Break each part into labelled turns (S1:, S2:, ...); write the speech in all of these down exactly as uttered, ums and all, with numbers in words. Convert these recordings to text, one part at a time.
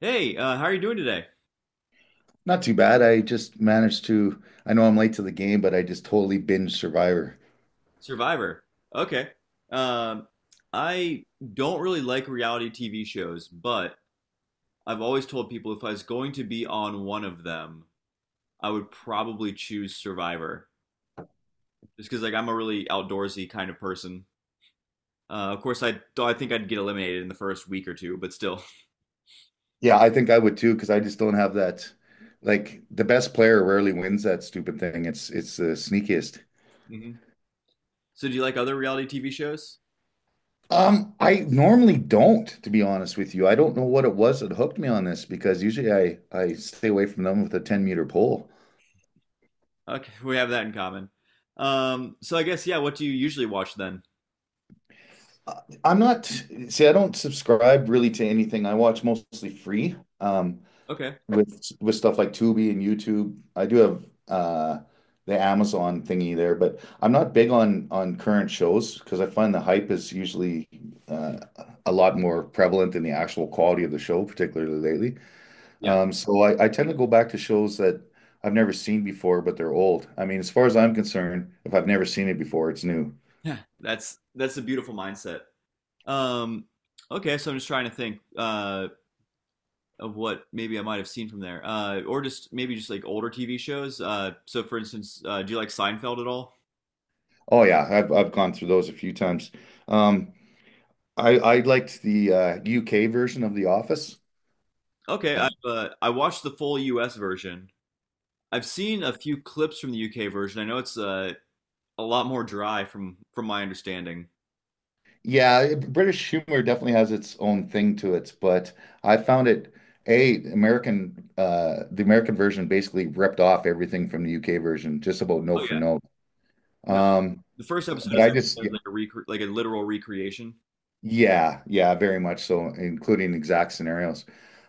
S1: Hey, uh, how are you doing today?
S2: Not too bad. I just managed to, I know I'm late to the game, but I just totally binge Survivor.
S1: Survivor. Okay. Um, I don't really like reality T V shows, but I've always told people if I was going to be on one of them, I would probably choose Survivor. Just because, like, I'm a really outdoorsy kind of person. Uh, of course, I th- I think I'd get eliminated in the first week or two, but still.
S2: Yeah, I think I would too, because I just don't have that. Like the best player rarely wins that stupid thing. It's it's the sneakiest.
S1: Hmm. So, do you like other reality T V shows?
S2: Um, I normally don't, to be honest with you. I don't know what it was that hooked me on this because usually I I stay away from them with a ten meter pole.
S1: Okay, we have that in common. Um, so I guess, yeah, what do you usually watch then?
S2: Uh, I'm not, See, I don't subscribe really to anything. I watch mostly free. Um,
S1: Okay.
S2: with with stuff like Tubi and YouTube. I do have uh the Amazon thingy there, but I'm not big on on current shows because I find the hype is usually uh, a lot more prevalent than the actual quality of the show, particularly lately.
S1: Yeah.
S2: Um, so I, I tend to go back to shows that I've never seen before, but they're old. I mean, as far as I'm concerned, if I've never seen it before, it's new.
S1: Yeah. That's that's a beautiful mindset. Um, okay, so I'm just trying to think uh, of what maybe I might have seen from there, uh, or just maybe just like older T V shows. Uh, so, for instance, uh, do you like Seinfeld at all?
S2: Oh yeah, I've I've gone through those a few times. Um, I I liked the uh, U K version of The Office.
S1: Okay,
S2: I
S1: I've uh, I watched the full U S version. I've seen a few clips from the U K version. I know it's uh, a lot more dry from from my understanding.
S2: yeah, it- British humor definitely has its own thing to it, but I found it A, American uh the American version basically ripped off everything from the U K version, just about note
S1: Oh
S2: for
S1: yeah,
S2: note.
S1: no,
S2: Um,
S1: the first episode
S2: but
S1: is
S2: I just
S1: like a recre- like a literal recreation.
S2: Yeah, yeah, very much so, including exact scenarios.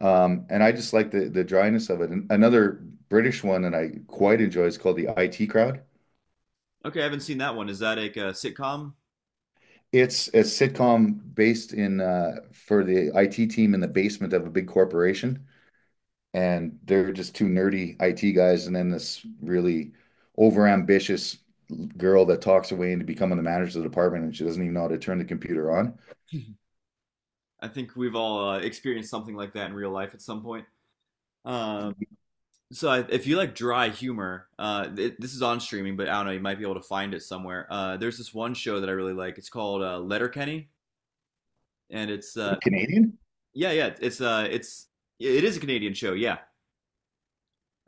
S2: Um, and I just like the the dryness of it. And another British one that I quite enjoy is called The I T Crowd.
S1: Okay, I haven't seen that one. Is that like a sitcom?
S2: It's a sitcom based in uh for the I T team in the basement of a big corporation. And they're just two nerdy I T guys, and then this really overambitious girl that talks her way into becoming the manager of the department, and she doesn't even know how to turn the computer on.
S1: I think we've all uh, experienced something like that in real life at some point. Um, So if you like dry humor, uh, it, this is on streaming, but I don't know, you might be able to find it somewhere. Uh, there's this one show that I really like. It's called uh, Letterkenny, and it's uh,
S2: Canadian?
S1: yeah, yeah, it's uh, it's yeah, it is a Canadian show, yeah,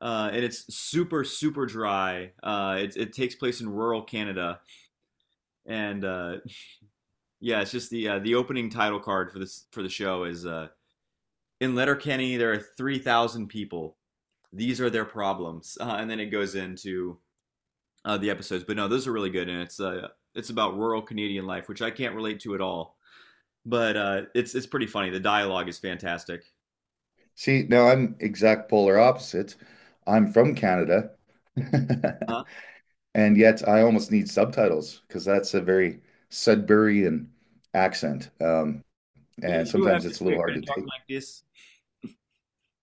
S1: uh, and it's super super dry. Uh, it it takes place in rural Canada, and uh, yeah, it's just the uh, the opening title card for this for the show is uh, in Letterkenny there are three thousand people. These are their problems, uh, and then it goes into uh, the episodes. But no, those are really good, and it's uh, it's about rural Canadian life, which I can't relate to at all. But uh, it's it's pretty funny. The dialogue is fantastic.
S2: See, now I'm exact polar opposite. I'm from Canada,
S1: Uh,
S2: and yet I almost need subtitles because that's a very Sudburyan accent, um,
S1: you,
S2: and
S1: you have
S2: sometimes
S1: this
S2: it's a
S1: way
S2: little
S1: of
S2: hard to
S1: kind of talking
S2: take.
S1: like this.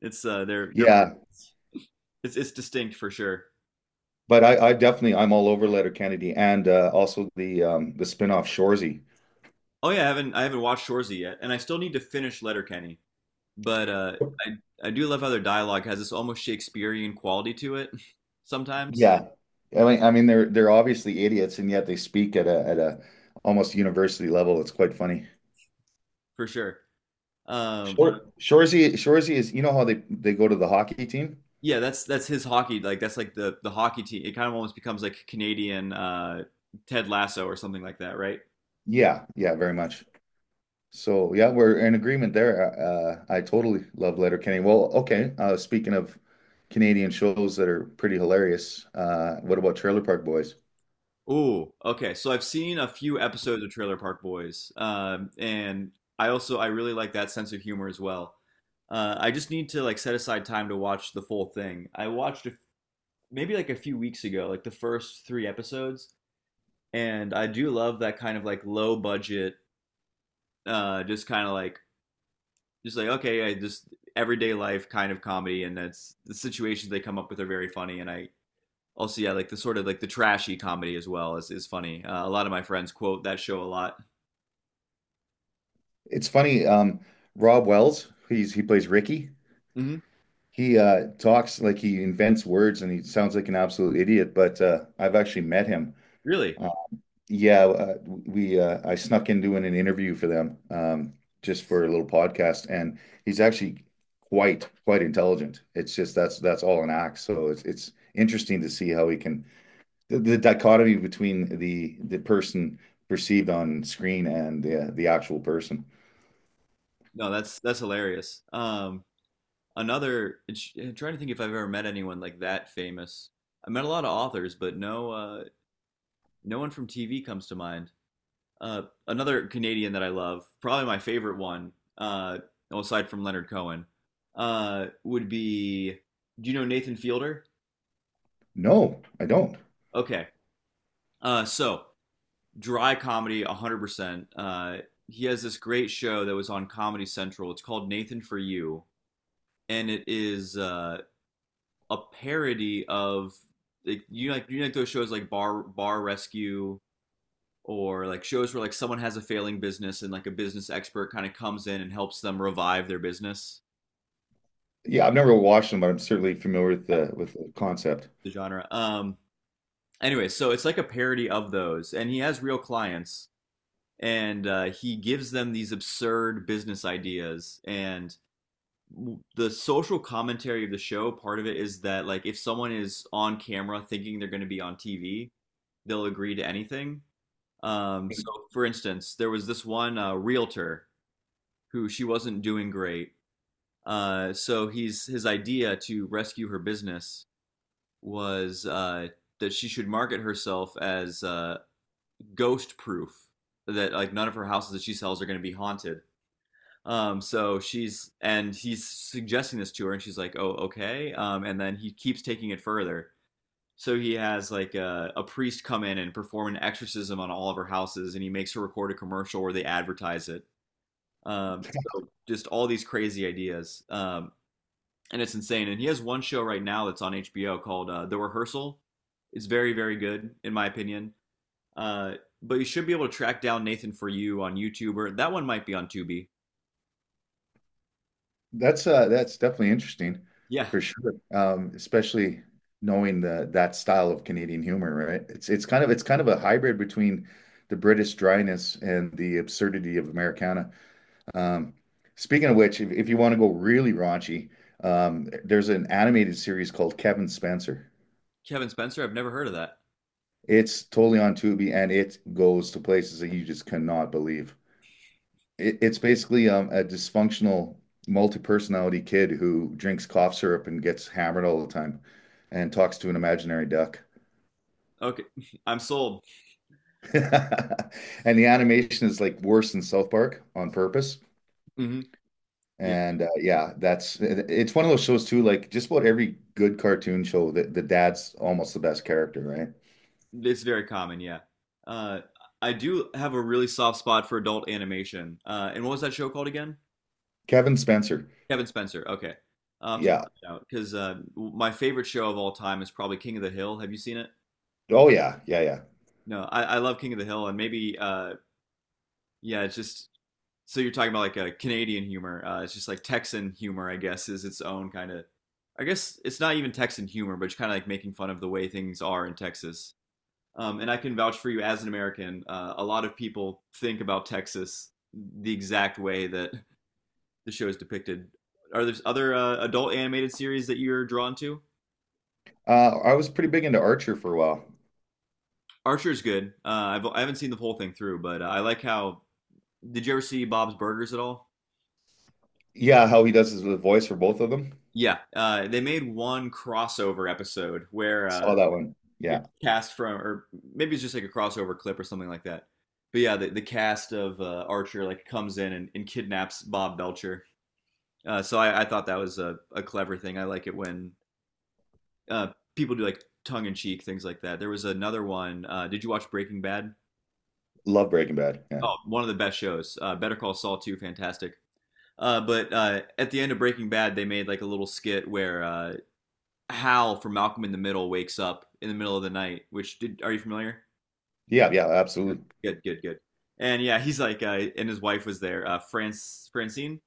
S1: It's uh, they're they're
S2: Yeah,
S1: it's it's distinct for sure.
S2: but I, I definitely I'm all over Letterkenny and uh, also the um, the spinoff off Shoresy.
S1: Oh yeah, I haven't I haven't watched Shorzy yet, and I still need to finish Letterkenny. But uh, I I do love how their dialogue has this almost Shakespearean quality to it sometimes,
S2: Yeah. I mean, I mean, they're they're obviously idiots, and yet they speak at a at a almost university level. It's quite funny.
S1: for sure. Um,
S2: Shor Shorzy, Shorzy is, you know how they they go to the hockey team?
S1: yeah, that's that's his hockey. Like that's like the the hockey team. It kind of almost becomes like Canadian uh, Ted Lasso or something like that, right?
S2: Yeah, yeah, very much. So yeah, we're in agreement there. Uh, I totally love Letterkenny. Well, okay. Uh, speaking of Canadian shows that are pretty hilarious, uh, what about Trailer Park Boys?
S1: Oh, okay. So I've seen a few episodes of Trailer Park Boys, um, and I also I really like that sense of humor as well. Uh, I just need to like set aside time to watch the full thing. I watched a, maybe like a few weeks ago, like the first three episodes, and I do love that kind of like low budget, uh, just kind of like just like okay, I just everyday life kind of comedy, and that's the situations they come up with are very funny, and I also yeah like the sort of like the trashy comedy as well is is funny. Uh, a lot of my friends quote that show a lot.
S2: It's funny. Um, Rob Wells, he's he plays Ricky.
S1: Hmm.
S2: He uh, talks like he invents words and he sounds like an absolute idiot, but uh, I've actually met him.
S1: Really?
S2: Uh, yeah, uh, we uh, I snuck in doing an interview for them um, just for a little podcast, and he's actually quite quite intelligent. It's just that's that's all an act. So it's it's interesting to see how he can the, the dichotomy between the the person perceived on screen and the the actual person.
S1: No, that's that's hilarious. Um, another I'm trying to think if I've ever met anyone like that famous. I met a lot of authors, but no uh no one from T V comes to mind. Uh, another Canadian that I love, probably my favorite one, uh, well, aside from Leonard Cohen, uh, would be. Do you know Nathan Fielder?
S2: No, I don't.
S1: Okay, uh, so dry comedy, one hundred percent. Uh, he has this great show that was on Comedy Central. It's called Nathan for You, and it is uh, a parody of like you know, like you know, like those shows like Bar Bar Rescue or like shows where like someone has a failing business and like a business expert kind of comes in and helps them revive their business.
S2: Yeah, I've never watched them, but I'm certainly familiar with
S1: Yeah.
S2: the with the concept.
S1: The genre, um, anyway, so it's like a parody of those and he has real clients, and uh, he gives them these absurd business ideas. And the social commentary of the show, part of it is that like if someone is on camera thinking they're going to be on TV, they'll agree to anything. Um, so for instance there was this one uh, realtor who she wasn't doing great. Uh, so he's his idea to rescue her business was uh, that she should market herself as uh, ghost proof. That like none of her houses that she sells are going to be haunted. Um, so she's and he's suggesting this to her, and she's like, "Oh, okay." Um, and then he keeps taking it further. So he has like a, a priest come in and perform an exorcism on all of her houses, and he makes her record a commercial where they advertise it. Um, so just all these crazy ideas. Um, and it's insane. And he has one show right now that's on H B O called uh, The Rehearsal. It's very, very good in my opinion. Uh, but you should be able to track down Nathan for You on YouTube, or that one might be on Tubi.
S2: That's uh that's definitely interesting
S1: Yeah,
S2: for sure. Um, especially knowing the that style of Canadian humor, right? It's it's kind of it's kind of a hybrid between the British dryness and the absurdity of Americana. Um, Speaking of which, if, if you want to go really raunchy, um, there's an animated series called Kevin Spencer.
S1: Kevin Spencer. I've never heard of that.
S2: It's totally on Tubi and it goes to places that you just cannot believe. It, it's basically um, a dysfunctional multi-personality kid who drinks cough syrup and gets hammered all the time and talks to an imaginary duck.
S1: Okay, I'm sold.
S2: And the animation is like worse than South Park on purpose.
S1: Hmm. Yeah,
S2: And uh, yeah, that's it- it's one of those shows too. Like just about every good cartoon show, the, the dad's almost the best character, right?
S1: it's very common. Yeah, uh, I do have a really soft spot for adult animation. Uh, and what was that show called again?
S2: Kevin Spencer.
S1: Kevin Spencer. Okay, I'll have to
S2: Yeah.
S1: check it out because uh, my favorite show of all time is probably King of the Hill. Have you seen it?
S2: Oh yeah, yeah, yeah.
S1: No, I, I love King of the Hill. And maybe uh, yeah, it's just so you're talking about like a Canadian humor. Uh, it's just like Texan humor, I guess, is its own kind of. I guess it's not even Texan humor, but it's kind of like making fun of the way things are in Texas. Um, and I can vouch for you as an American. Uh, a lot of people think about Texas the exact way that the show is depicted. Are there other uh, adult animated series that you're drawn to?
S2: Uh, I was pretty big into Archer for a while.
S1: Archer's good. Uh, I've, I haven't seen the whole thing through, but uh, I like how. Did you ever see Bob's Burgers at all?
S2: Yeah, how he does his the voice for both of them.
S1: Yeah, uh, they made one crossover episode where,
S2: Saw
S1: uh,
S2: that one.
S1: yeah,
S2: Yeah.
S1: cast from, or maybe it's just like a crossover clip or something like that. But yeah, the, the cast of uh, Archer like comes in and, and kidnaps Bob Belcher. Uh, so I, I thought that was a, a clever thing. I like it when uh, people do like tongue in cheek things like that. There was another one. Uh, did you watch Breaking Bad?
S2: Love Breaking Bad. Yeah.
S1: Oh, one of the best shows. Uh, Better Call Saul too, fantastic. Uh, but uh, at the end of Breaking Bad, they made like a little skit where uh, Hal from Malcolm in the Middle wakes up in the middle of the night. Which did Are you familiar?
S2: Yeah. Yeah.
S1: Yeah.
S2: Absolutely.
S1: Good, good, good. And yeah, he's like, uh, and his wife was there, uh, France Francine.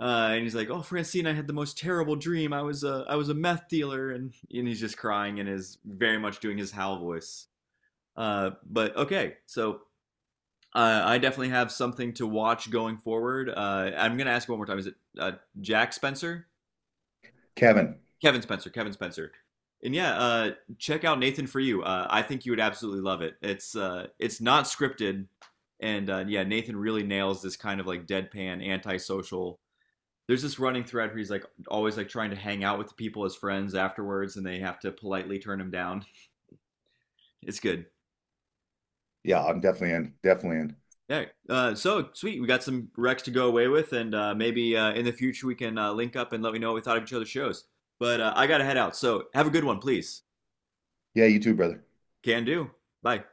S1: Uh, and he's like, "Oh, Francine, I had the most terrible dream. I was a I was a meth dealer," and and he's just crying and is very much doing his Hal voice. Uh, but Okay, so uh, I definitely have something to watch going forward. Uh, I'm gonna ask one more time. Is it uh, Jack Spencer?
S2: Kevin.
S1: Kevin Spencer, Kevin Spencer. And yeah, uh, check out Nathan for You. Uh, I think you would absolutely love it. It's uh, it's not scripted, and uh, yeah, Nathan really nails this kind of like deadpan, antisocial. There's this running thread where he's like always like trying to hang out with the people as friends afterwards, and they have to politely turn him down. It's good.
S2: Yeah. I'm definitely in. Definitely in.
S1: Yeah. Uh, so sweet. We got some recs to go away with, and uh, maybe uh, in the future we can uh, link up and let me know what we thought of each other's shows. But uh, I gotta head out. So have a good one, please.
S2: Yeah. You too, brother.
S1: Can do. Bye.